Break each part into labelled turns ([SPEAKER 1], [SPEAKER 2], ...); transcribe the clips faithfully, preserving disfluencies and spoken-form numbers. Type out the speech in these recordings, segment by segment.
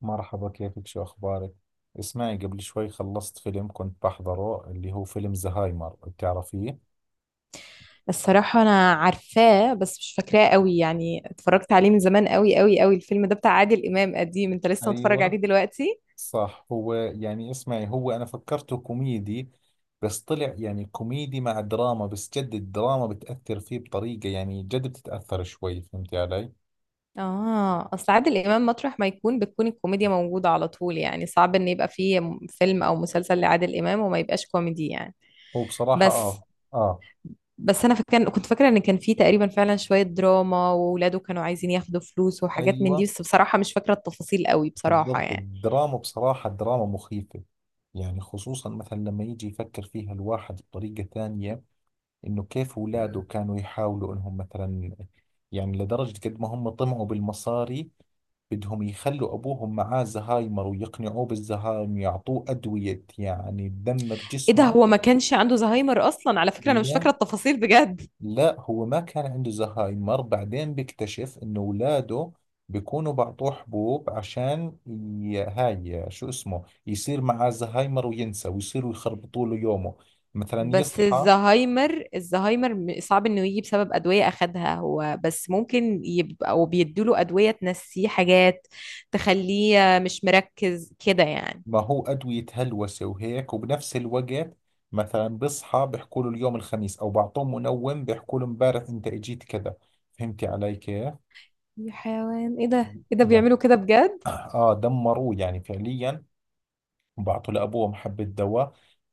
[SPEAKER 1] مرحبا، كيفك؟ شو أخبارك؟ اسمعي، قبل شوي خلصت فيلم كنت بحضره، اللي هو فيلم زهايمر. بتعرفيه؟
[SPEAKER 2] الصراحة أنا عارفاه بس مش فاكراه قوي. يعني اتفرجت عليه من زمان قوي قوي قوي. الفيلم ده بتاع عادل إمام قديم، أنت لسه متفرج عليه
[SPEAKER 1] ايوه،
[SPEAKER 2] دلوقتي؟
[SPEAKER 1] صح، هو يعني اسمعي، هو أنا فكرته كوميدي، بس طلع يعني كوميدي مع دراما، بس جد الدراما بتأثر فيه بطريقة، يعني جد بتتأثر شوي. فهمتي علي؟
[SPEAKER 2] آه، أصل عادل إمام مطرح ما يكون بتكون الكوميديا موجودة على طول، يعني صعب إن يبقى فيه م- فيلم أو مسلسل لعادل إمام وما يبقاش كوميدي يعني.
[SPEAKER 1] هو بصراحة
[SPEAKER 2] بس
[SPEAKER 1] آه. آه،
[SPEAKER 2] بس أنا فاكر كنت فاكرة إن كان فيه تقريبا فعلا شوية دراما، وولاده كانوا عايزين ياخدوا فلوس وحاجات من دي،
[SPEAKER 1] أيوة،
[SPEAKER 2] بس بصراحة مش فاكرة التفاصيل قوي بصراحة
[SPEAKER 1] بالضبط،
[SPEAKER 2] يعني.
[SPEAKER 1] الدراما بصراحة دراما مخيفة. يعني خصوصا مثلا لما يجي يفكر فيها الواحد بطريقة ثانية، انه كيف اولاده كانوا يحاولوا انهم مثلا، يعني لدرجة قد ما هم طمعوا بالمصاري، بدهم يخلوا ابوهم معاه زهايمر ويقنعوه بالزهايمر، يعطوه ادوية يعني تدمر
[SPEAKER 2] إيه ده،
[SPEAKER 1] جسمه.
[SPEAKER 2] هو ما كانش عنده زهايمر أصلا على فكرة؟ أنا مش
[SPEAKER 1] لا،
[SPEAKER 2] فاكرة التفاصيل بجد.
[SPEAKER 1] لا، هو ما كان عنده زهايمر، بعدين بيكتشف انه اولاده بيكونوا بعطوه حبوب عشان ي... هاي شو اسمه، يصير معاه زهايمر وينسى، ويصيروا يخربطوا له يومه. مثلا
[SPEAKER 2] بس
[SPEAKER 1] يصحى،
[SPEAKER 2] الزهايمر الزهايمر م- صعب انه يجي بسبب ادويه اخدها هو، بس ممكن يبقى او بيدوله ادويه تنسيه حاجات، تخليه مش مركز كده يعني.
[SPEAKER 1] ما هو أدوية هلوسة وهيك، وبنفس الوقت مثلا بصحى بيحكوا له اليوم الخميس، أو بعطوه منوم بيحكوا له امبارح أنت إجيت كذا. فهمتي علي كيف؟
[SPEAKER 2] يا حيوان، ايه ده ايه ده
[SPEAKER 1] يعني
[SPEAKER 2] بيعملوا كده بجد؟
[SPEAKER 1] آه، دمروه يعني فعليا. وبعطوا لأبوه حبة دواء،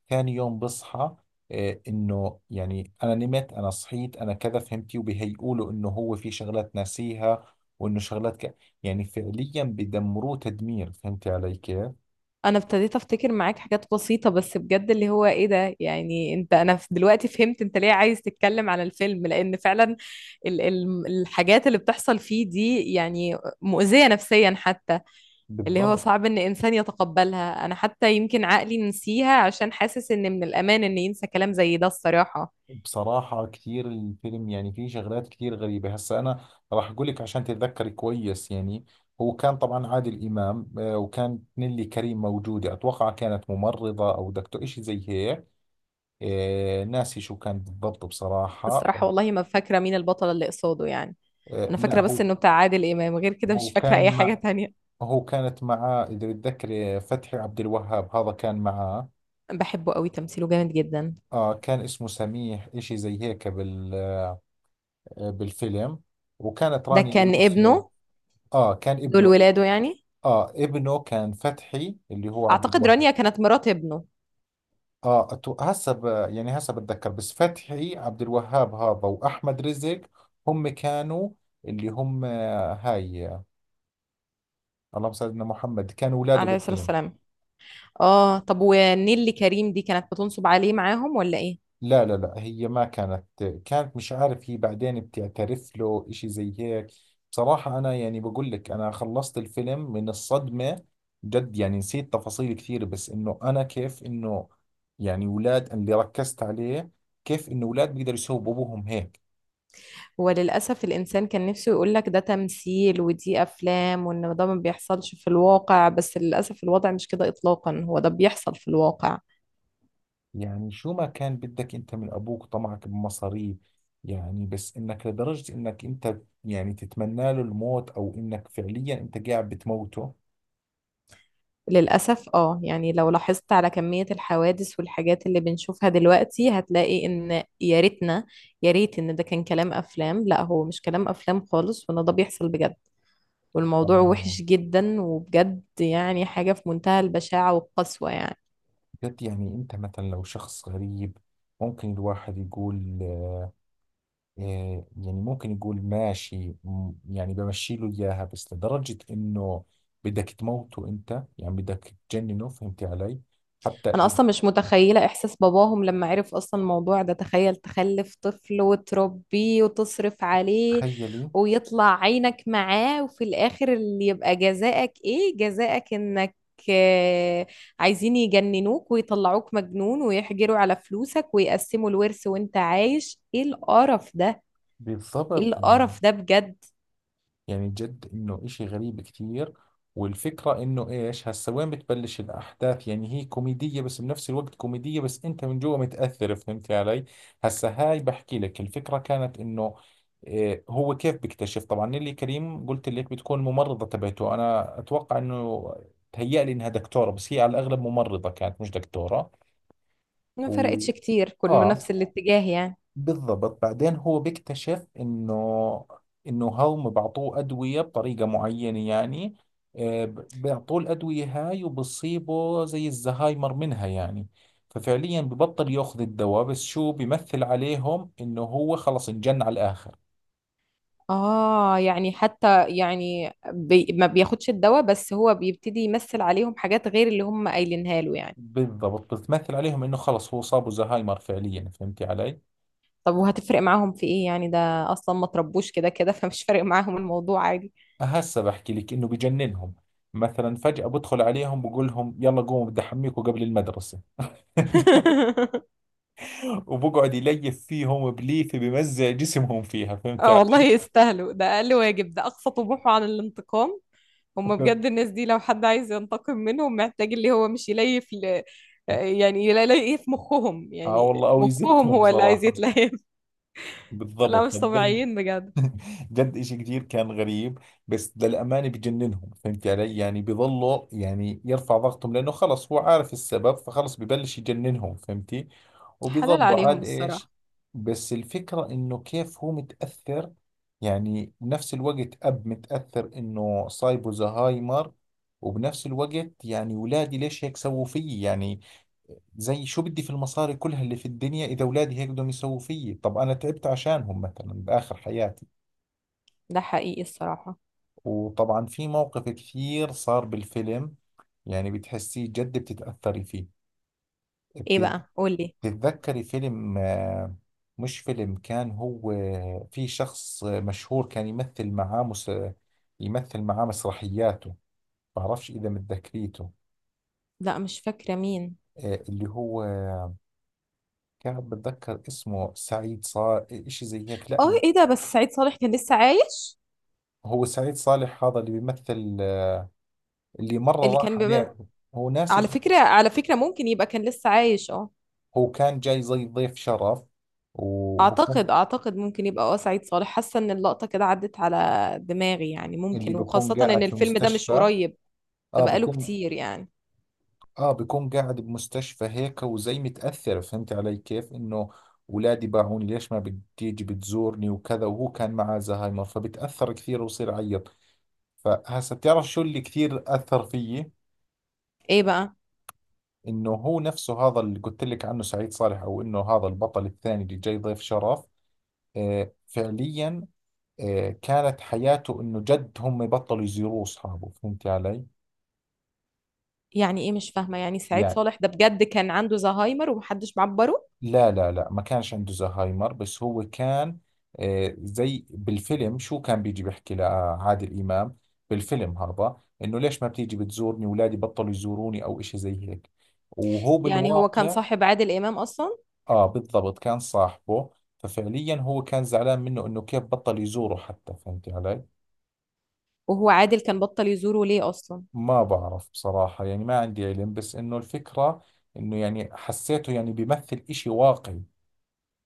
[SPEAKER 1] ثاني يوم بصحى، آه إنه يعني أنا نمت، أنا صحيت، أنا كذا، فهمتي؟ وبيهيئوا له إنه هو في شغلات ناسيها، وإنه شغلات ك... يعني فعليا بدمروه تدمير. فهمتي علي كيف؟
[SPEAKER 2] انا ابتديت افتكر معاك حاجات بسيطه، بس بجد اللي هو ايه ده؟ يعني انت، انا ف- دلوقتي فهمت انت ليه عايز تتكلم على الفيلم، لان فعلا ال ال الحاجات اللي بتحصل فيه دي يعني مؤذيه نفسيا حتى، اللي هو
[SPEAKER 1] بالضبط.
[SPEAKER 2] صعب ان انسان يتقبلها. انا حتى يمكن عقلي نسيها عشان حاسس ان من الامان ان ينسى كلام زي ده الصراحة.
[SPEAKER 1] بصراحة كتير الفيلم يعني فيه شغلات كتير غريبة. هسا أنا راح أقول لك عشان تتذكري كويس. يعني هو كان طبعا عادل إمام، آه، وكانت نيلي كريم موجودة، أتوقع كانت ممرضة أو دكتور إشي زي هيك. آه، ناسي شو كان بالضبط بصراحة.
[SPEAKER 2] الصراحة والله ما فاكرة مين البطل اللي قصاده يعني.
[SPEAKER 1] آه،
[SPEAKER 2] انا
[SPEAKER 1] لا،
[SPEAKER 2] فاكرة بس
[SPEAKER 1] هو
[SPEAKER 2] انه بتاع عادل امام، غير كده
[SPEAKER 1] هو
[SPEAKER 2] مش فاكرة اي
[SPEAKER 1] كان
[SPEAKER 2] حاجة
[SPEAKER 1] مع
[SPEAKER 2] تانية.
[SPEAKER 1] هو كانت معاه، إذا بتذكري، فتحي عبد الوهاب، هذا كان معاه.
[SPEAKER 2] بحبه قوي، تمثيله جامد جدا.
[SPEAKER 1] آه، كان اسمه سميح إشي زي هيك بال آه، بالفيلم. وكانت
[SPEAKER 2] ده
[SPEAKER 1] رانيا
[SPEAKER 2] كان
[SPEAKER 1] يوسف.
[SPEAKER 2] ابنه؟
[SPEAKER 1] اه، كان
[SPEAKER 2] دول
[SPEAKER 1] ابنه.
[SPEAKER 2] ولاده يعني؟
[SPEAKER 1] اه، ابنه كان فتحي اللي هو عبد
[SPEAKER 2] اعتقد
[SPEAKER 1] الوهاب.
[SPEAKER 2] رانيا كانت مرات ابنه.
[SPEAKER 1] اه، أتو- هسه ب- يعني هسه بتذكر، بس فتحي عبد الوهاب هذا واحمد رزق هم كانوا، اللي هم آه، هاي آه، اللهم صل على سيدنا محمد، كانوا اولاده
[SPEAKER 2] عليه الصلاة
[SPEAKER 1] بالفيلم.
[SPEAKER 2] والسلام. اه طب، ونيلي كريم دي كانت بتنصب عليه معاهم ولا ايه؟
[SPEAKER 1] لا، لا، لا، هي ما كانت، كانت مش عارف، هي بعدين بتعترف له اشي زي هيك. بصراحة انا، يعني بقول لك، انا خلصت الفيلم من الصدمة. جد يعني نسيت تفاصيل كثير، بس انه انا كيف انه، يعني ولاد، اللي ركزت عليه، كيف انه ولاد بيقدروا يسووا بابوهم هيك.
[SPEAKER 2] هو للأسف الإنسان كان نفسه يقولك ده تمثيل ودي أفلام، وإن ده ما بيحصلش في الواقع، بس للأسف الوضع مش كده إطلاقا، هو ده بيحصل في الواقع.
[SPEAKER 1] يعني شو ما كان بدك انت من ابوك؟ طمعك بمصاري، يعني بس انك لدرجة انك انت يعني تتمنى له الموت، او انك فعليا انت قاعد بتموته.
[SPEAKER 2] للأسف اه، يعني لو لاحظت على كمية الحوادث والحاجات اللي بنشوفها دلوقتي، هتلاقي إن يا ريتنا، يا ريت إن ده كان كلام أفلام. لا، هو مش كلام أفلام خالص، وإن ده بيحصل بجد، والموضوع
[SPEAKER 1] آه.
[SPEAKER 2] وحش جدا وبجد، يعني حاجة في منتهى البشاعة والقسوة يعني.
[SPEAKER 1] بجد، يعني انت مثلا لو شخص غريب، ممكن الواحد يقول آه، يعني ممكن يقول ماشي، م- يعني بمشي له اياها، بس لدرجة انه بدك تموته انت، يعني بدك تجننه. فهمتي علي؟ حتى
[SPEAKER 2] انا اصلا مش متخيله احساس باباهم لما عرف اصلا الموضوع ده. تخيل تخلف طفل وتربيه وتصرف عليه
[SPEAKER 1] تخيلي.
[SPEAKER 2] ويطلع عينك معاه، وفي الاخر اللي يبقى جزاءك، ايه جزاءك؟ انك آه، عايزين يجننوك ويطلعوك مجنون ويحجروا على فلوسك ويقسموا الورث وانت عايش. ايه القرف ده، ايه
[SPEAKER 1] بالضبط.
[SPEAKER 2] القرف ده بجد؟
[SPEAKER 1] يعني جد انه اشي غريب كثير. والفكرة انه ايش هسا وين بتبلش الاحداث، يعني هي كوميدية، بس بنفس الوقت كوميدية بس انت من جوا متأثر. فهمت علي؟ هسا هاي بحكي لك، الفكرة كانت انه إيه، هو كيف بيكتشف؟ طبعا نيلي كريم، قلت لك بتكون ممرضة تبعته، انا اتوقع انه تهيأ لي انها دكتورة، بس هي على الاغلب ممرضة كانت، مش دكتورة.
[SPEAKER 2] ما
[SPEAKER 1] و...
[SPEAKER 2] فرقتش كتير، كله
[SPEAKER 1] اه،
[SPEAKER 2] نفس الاتجاه يعني.
[SPEAKER 1] بالضبط، بعدين هو بيكتشف انه، انه هم بعطوه ادويه بطريقه معينه، يعني آه، ب- بيعطوه الادويه هاي، وبصيبه زي الزهايمر منها يعني. ففعليا ببطل ياخذ الدواء، بس شو بيمثل عليهم؟ انه هو خلص انجن على الاخر.
[SPEAKER 2] اه يعني حتى يعني بي ما بياخدش الدواء، بس هو بيبتدي يمثل عليهم حاجات غير اللي هم قايلينها له يعني.
[SPEAKER 1] بالضبط، بتمثل عليهم انه خلص هو صابه زهايمر فعليا. فهمتي علي؟
[SPEAKER 2] طب وهتفرق معاهم في ايه يعني؟ ده اصلا ما تربوش كده كده فمش فارق معاهم الموضوع، عادي.
[SPEAKER 1] هسه بحكي لك، انه بجننهم. مثلا فجأة بدخل عليهم بقول لهم يلا قوموا بدي احميكم قبل المدرسة. وبقعد يليف فيهم بليفه بمزع جسمهم فيها. فهمت
[SPEAKER 2] اه والله
[SPEAKER 1] علي؟
[SPEAKER 2] يستاهلوا، ده اقل واجب، ده اقصى طموحه عن الانتقام. هم بجد الناس دي لو حد عايز ينتقم منهم محتاج اللي هو مش يليف ل... يعني يليف مخهم،
[SPEAKER 1] اه
[SPEAKER 2] يعني
[SPEAKER 1] والله، او
[SPEAKER 2] مخهم
[SPEAKER 1] يزتهم
[SPEAKER 2] هو اللي عايز
[SPEAKER 1] بصراحه.
[SPEAKER 2] يتليف. لا
[SPEAKER 1] بالضبط،
[SPEAKER 2] مش
[SPEAKER 1] بل
[SPEAKER 2] طبيعيين بجد.
[SPEAKER 1] جد إشي كتير كان غريب. بس للأمانة بجننهم. فهمت علي؟ يعني بيظلوا، يعني يرفع ضغطهم، لأنه خلص هو عارف السبب، فخلص ببلش يجننهم. فهمتي؟
[SPEAKER 2] حلال
[SPEAKER 1] وبيظلوا
[SPEAKER 2] عليهم
[SPEAKER 1] عاد إيش.
[SPEAKER 2] الصراحة.
[SPEAKER 1] بس الفكرة إنه كيف هو متأثر، يعني بنفس الوقت أب متأثر إنه صايبه زهايمر، وبنفس الوقت يعني ولادي ليش هيك سووا فيي؟ يعني زي شو بدي في المصاري كلها اللي في الدنيا، إذا ولادي هيك بدهم يسووا فيي؟ طب أنا تعبت عشانهم مثلا بآخر حياتي.
[SPEAKER 2] ده حقيقي الصراحة.
[SPEAKER 1] وطبعا في مواقف كثير صار بالفيلم، يعني بتحسيه جد بتتأثري فيه.
[SPEAKER 2] ايه
[SPEAKER 1] بت-
[SPEAKER 2] بقى، قولي.
[SPEAKER 1] بتتذكري فيلم آه، مش فيلم، كان هو في شخص مشهور كان يمثل معاه مس... يمثل معاه مسرحياته. بعرفش إذا متذكريته.
[SPEAKER 2] لا مش فاكرة مين.
[SPEAKER 1] آه، اللي هو كان بتذكر اسمه سعيد صالح إشي زي هيك، لا.
[SPEAKER 2] اه ايه ده، بس سعيد صالح كان لسه عايش؟
[SPEAKER 1] هو سعيد صالح هذا اللي بيمثل، آه، اللي مرة
[SPEAKER 2] اللي كان
[SPEAKER 1] راح عليه.
[SPEAKER 2] بيبقى.
[SPEAKER 1] هو
[SPEAKER 2] على
[SPEAKER 1] ناسي.
[SPEAKER 2] فكرة، على فكرة ممكن يبقى كان لسه عايش اه.
[SPEAKER 1] هو كان جاي زي ضيف شرف. و
[SPEAKER 2] اعتقد اعتقد ممكن يبقى اه سعيد صالح، حاسة ان اللقطة كده عدت على دماغي، يعني
[SPEAKER 1] اللي
[SPEAKER 2] ممكن،
[SPEAKER 1] بيكون
[SPEAKER 2] وخاصة ان
[SPEAKER 1] قاعد في
[SPEAKER 2] الفيلم ده مش
[SPEAKER 1] مستشفى.
[SPEAKER 2] قريب، ده
[SPEAKER 1] اه
[SPEAKER 2] بقاله
[SPEAKER 1] بيكون،
[SPEAKER 2] كتير يعني.
[SPEAKER 1] اه بيكون قاعد بمستشفى هيك، وزي متأثر. فهمت علي كيف؟ انه اولادي باعوني، ليش ما بتيجي بتزورني؟ وكذا. وهو كان معاه زهايمر، فبتأثر كثير وبصير يعيط. فهسا بتعرف شو اللي كثير أثر فيي؟
[SPEAKER 2] ايه بقى؟
[SPEAKER 1] انه هو نفسه هذا اللي قلت لك عنه، سعيد صالح، او انه هذا البطل الثاني اللي جاي ضيف شرف. آه فعليا، آه كانت حياته انه جد هم بطلوا يزوروه اصحابه. فهمت علي؟
[SPEAKER 2] يعني ايه مش فاهمة، يعني سعيد
[SPEAKER 1] يعني
[SPEAKER 2] صالح ده بجد كان عنده زهايمر ومحدش معبره؟
[SPEAKER 1] لا، لا، لا، ما كانش عنده زهايمر، بس هو كان آه، زي بالفيلم، شو كان بيجي بيحكي لعادل إمام بالفيلم هذا، إنه ليش ما بتيجي بتزورني؟ أولادي بطلوا يزوروني، أو إشي زي هيك. وهو
[SPEAKER 2] يعني هو كان
[SPEAKER 1] بالواقع
[SPEAKER 2] صاحب عادل امام اصلا؟
[SPEAKER 1] آه، بالضبط، كان صاحبه، ففعليا هو كان زعلان منه إنه كيف بطل يزوره حتى. فهمت علي؟
[SPEAKER 2] وهو عادل كان بطل يزوره ليه اصلا؟
[SPEAKER 1] ما بعرف بصراحة، يعني ما عندي علم، بس إنه الفكرة، إنه يعني حسيته يعني بيمثل إشي واقعي،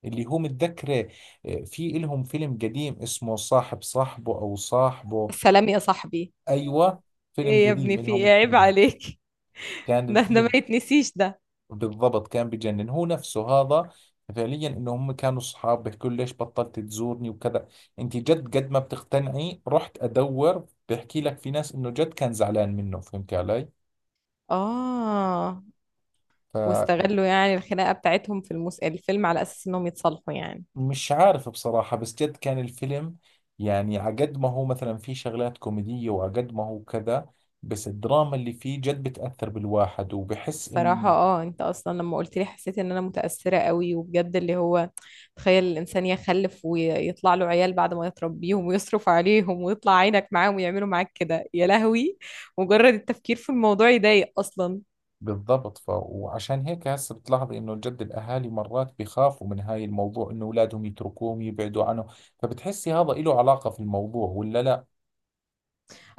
[SPEAKER 1] اللي هو متذكره. آه، في إلهم فيلم قديم اسمه صاحب، صاحبه، أو صاحبه.
[SPEAKER 2] سلام يا صاحبي.
[SPEAKER 1] أيوة، فيلم
[SPEAKER 2] ايه يا
[SPEAKER 1] قديم
[SPEAKER 2] ابني، في
[SPEAKER 1] إلهم
[SPEAKER 2] ايه، عيب
[SPEAKER 1] اثنين.
[SPEAKER 2] عليك.
[SPEAKER 1] كان
[SPEAKER 2] ده ده ما
[SPEAKER 1] الفيلم
[SPEAKER 2] يتنسيش ده.
[SPEAKER 1] بالضبط كان بجنن هو نفسه هذا. فعليا انه هم كانوا اصحاب، بيحكوا له ليش بطلت تزورني؟ وكذا. انت جد قد ما بتقتنعي؟ رحت ادور، بحكي لك في ناس انه جد كان زعلان منه. فهمت
[SPEAKER 2] اه
[SPEAKER 1] علي؟
[SPEAKER 2] واستغلوا يعني الخناقه بتاعتهم في المس... الفيلم على اساس انهم يتصالحوا يعني؟
[SPEAKER 1] مش عارف بصراحة، بس جد كان الفيلم يعني عقد ما هو مثلا فيه شغلات كوميدية، وعقد ما هو كذا، بس الدراما اللي فيه جد بتأثر بالواحد. وبحس
[SPEAKER 2] صراحة
[SPEAKER 1] إنه
[SPEAKER 2] اه، انت اصلا لما قلت لي حسيت ان انا متأثرة قوي وبجد، اللي هو تخيل الانسان يخلف ويطلع له عيال، بعد ما يتربيهم ويصرف عليهم ويطلع عينك معاهم، ويعملوا معاك كده، يا لهوي. مجرد التفكير في الموضوع يضايق اصلا.
[SPEAKER 1] بالضبط ف... وعشان هيك هسه بتلاحظي إنه جد الأهالي مرات بيخافوا من هاي الموضوع، إنه أولادهم يتركوهم يبعدوا عنه. فبتحسي هذا إله علاقة في الموضوع ولا لا؟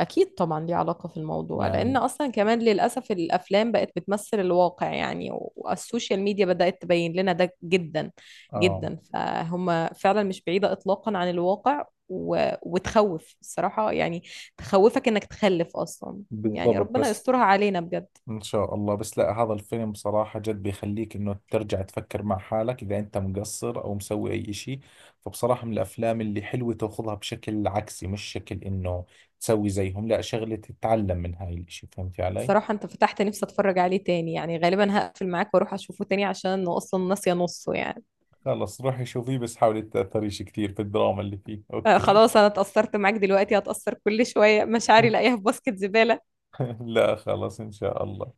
[SPEAKER 2] أكيد طبعا ليه علاقة في الموضوع، لأن
[SPEAKER 1] يعني
[SPEAKER 2] أصلا كمان للأسف الأفلام بقت بتمثل الواقع يعني. والسوشيال ميديا بدأت تبين لنا ده جدا
[SPEAKER 1] آه،
[SPEAKER 2] جدا، فهم فعلا مش بعيدة إطلاقا عن الواقع. و... وتخوف الصراحة يعني، تخوفك إنك تخلف أصلا يعني،
[SPEAKER 1] بالضبط،
[SPEAKER 2] ربنا
[SPEAKER 1] بس
[SPEAKER 2] يسترها علينا بجد.
[SPEAKER 1] ان شاء الله. بس لا، هذا الفيلم بصراحة جد بيخليك انه ترجع تفكر مع حالك، اذا انت مقصر او مسوي اي اشي. فبصراحة من الافلام اللي حلوة، تاخذها بشكل عكسي، مش شكل انه تسوي زيهم، لا، شغلة تتعلم من هاي الاشي. فهمتي علي؟
[SPEAKER 2] صراحة أنت فتحت نفسي أتفرج عليه تاني، يعني غالبا هقفل معاك وأروح أشوفه تاني عشان أنا أصلا ناسية نصه يعني.
[SPEAKER 1] خلص، روحي شوفيه، بس حاولي تتأثريش كثير في الدراما اللي فيه،
[SPEAKER 2] آه،
[SPEAKER 1] اوكي؟
[SPEAKER 2] خلاص أنا اتأثرت معاك دلوقتي، هتأثر كل شوية مشاعري لاقيها في باسكت زبالة.
[SPEAKER 1] لا خلص، ان شاء الله.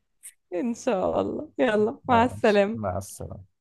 [SPEAKER 2] إن شاء الله، يلا مع
[SPEAKER 1] ماشي،
[SPEAKER 2] السلامة.
[SPEAKER 1] مع السلامة.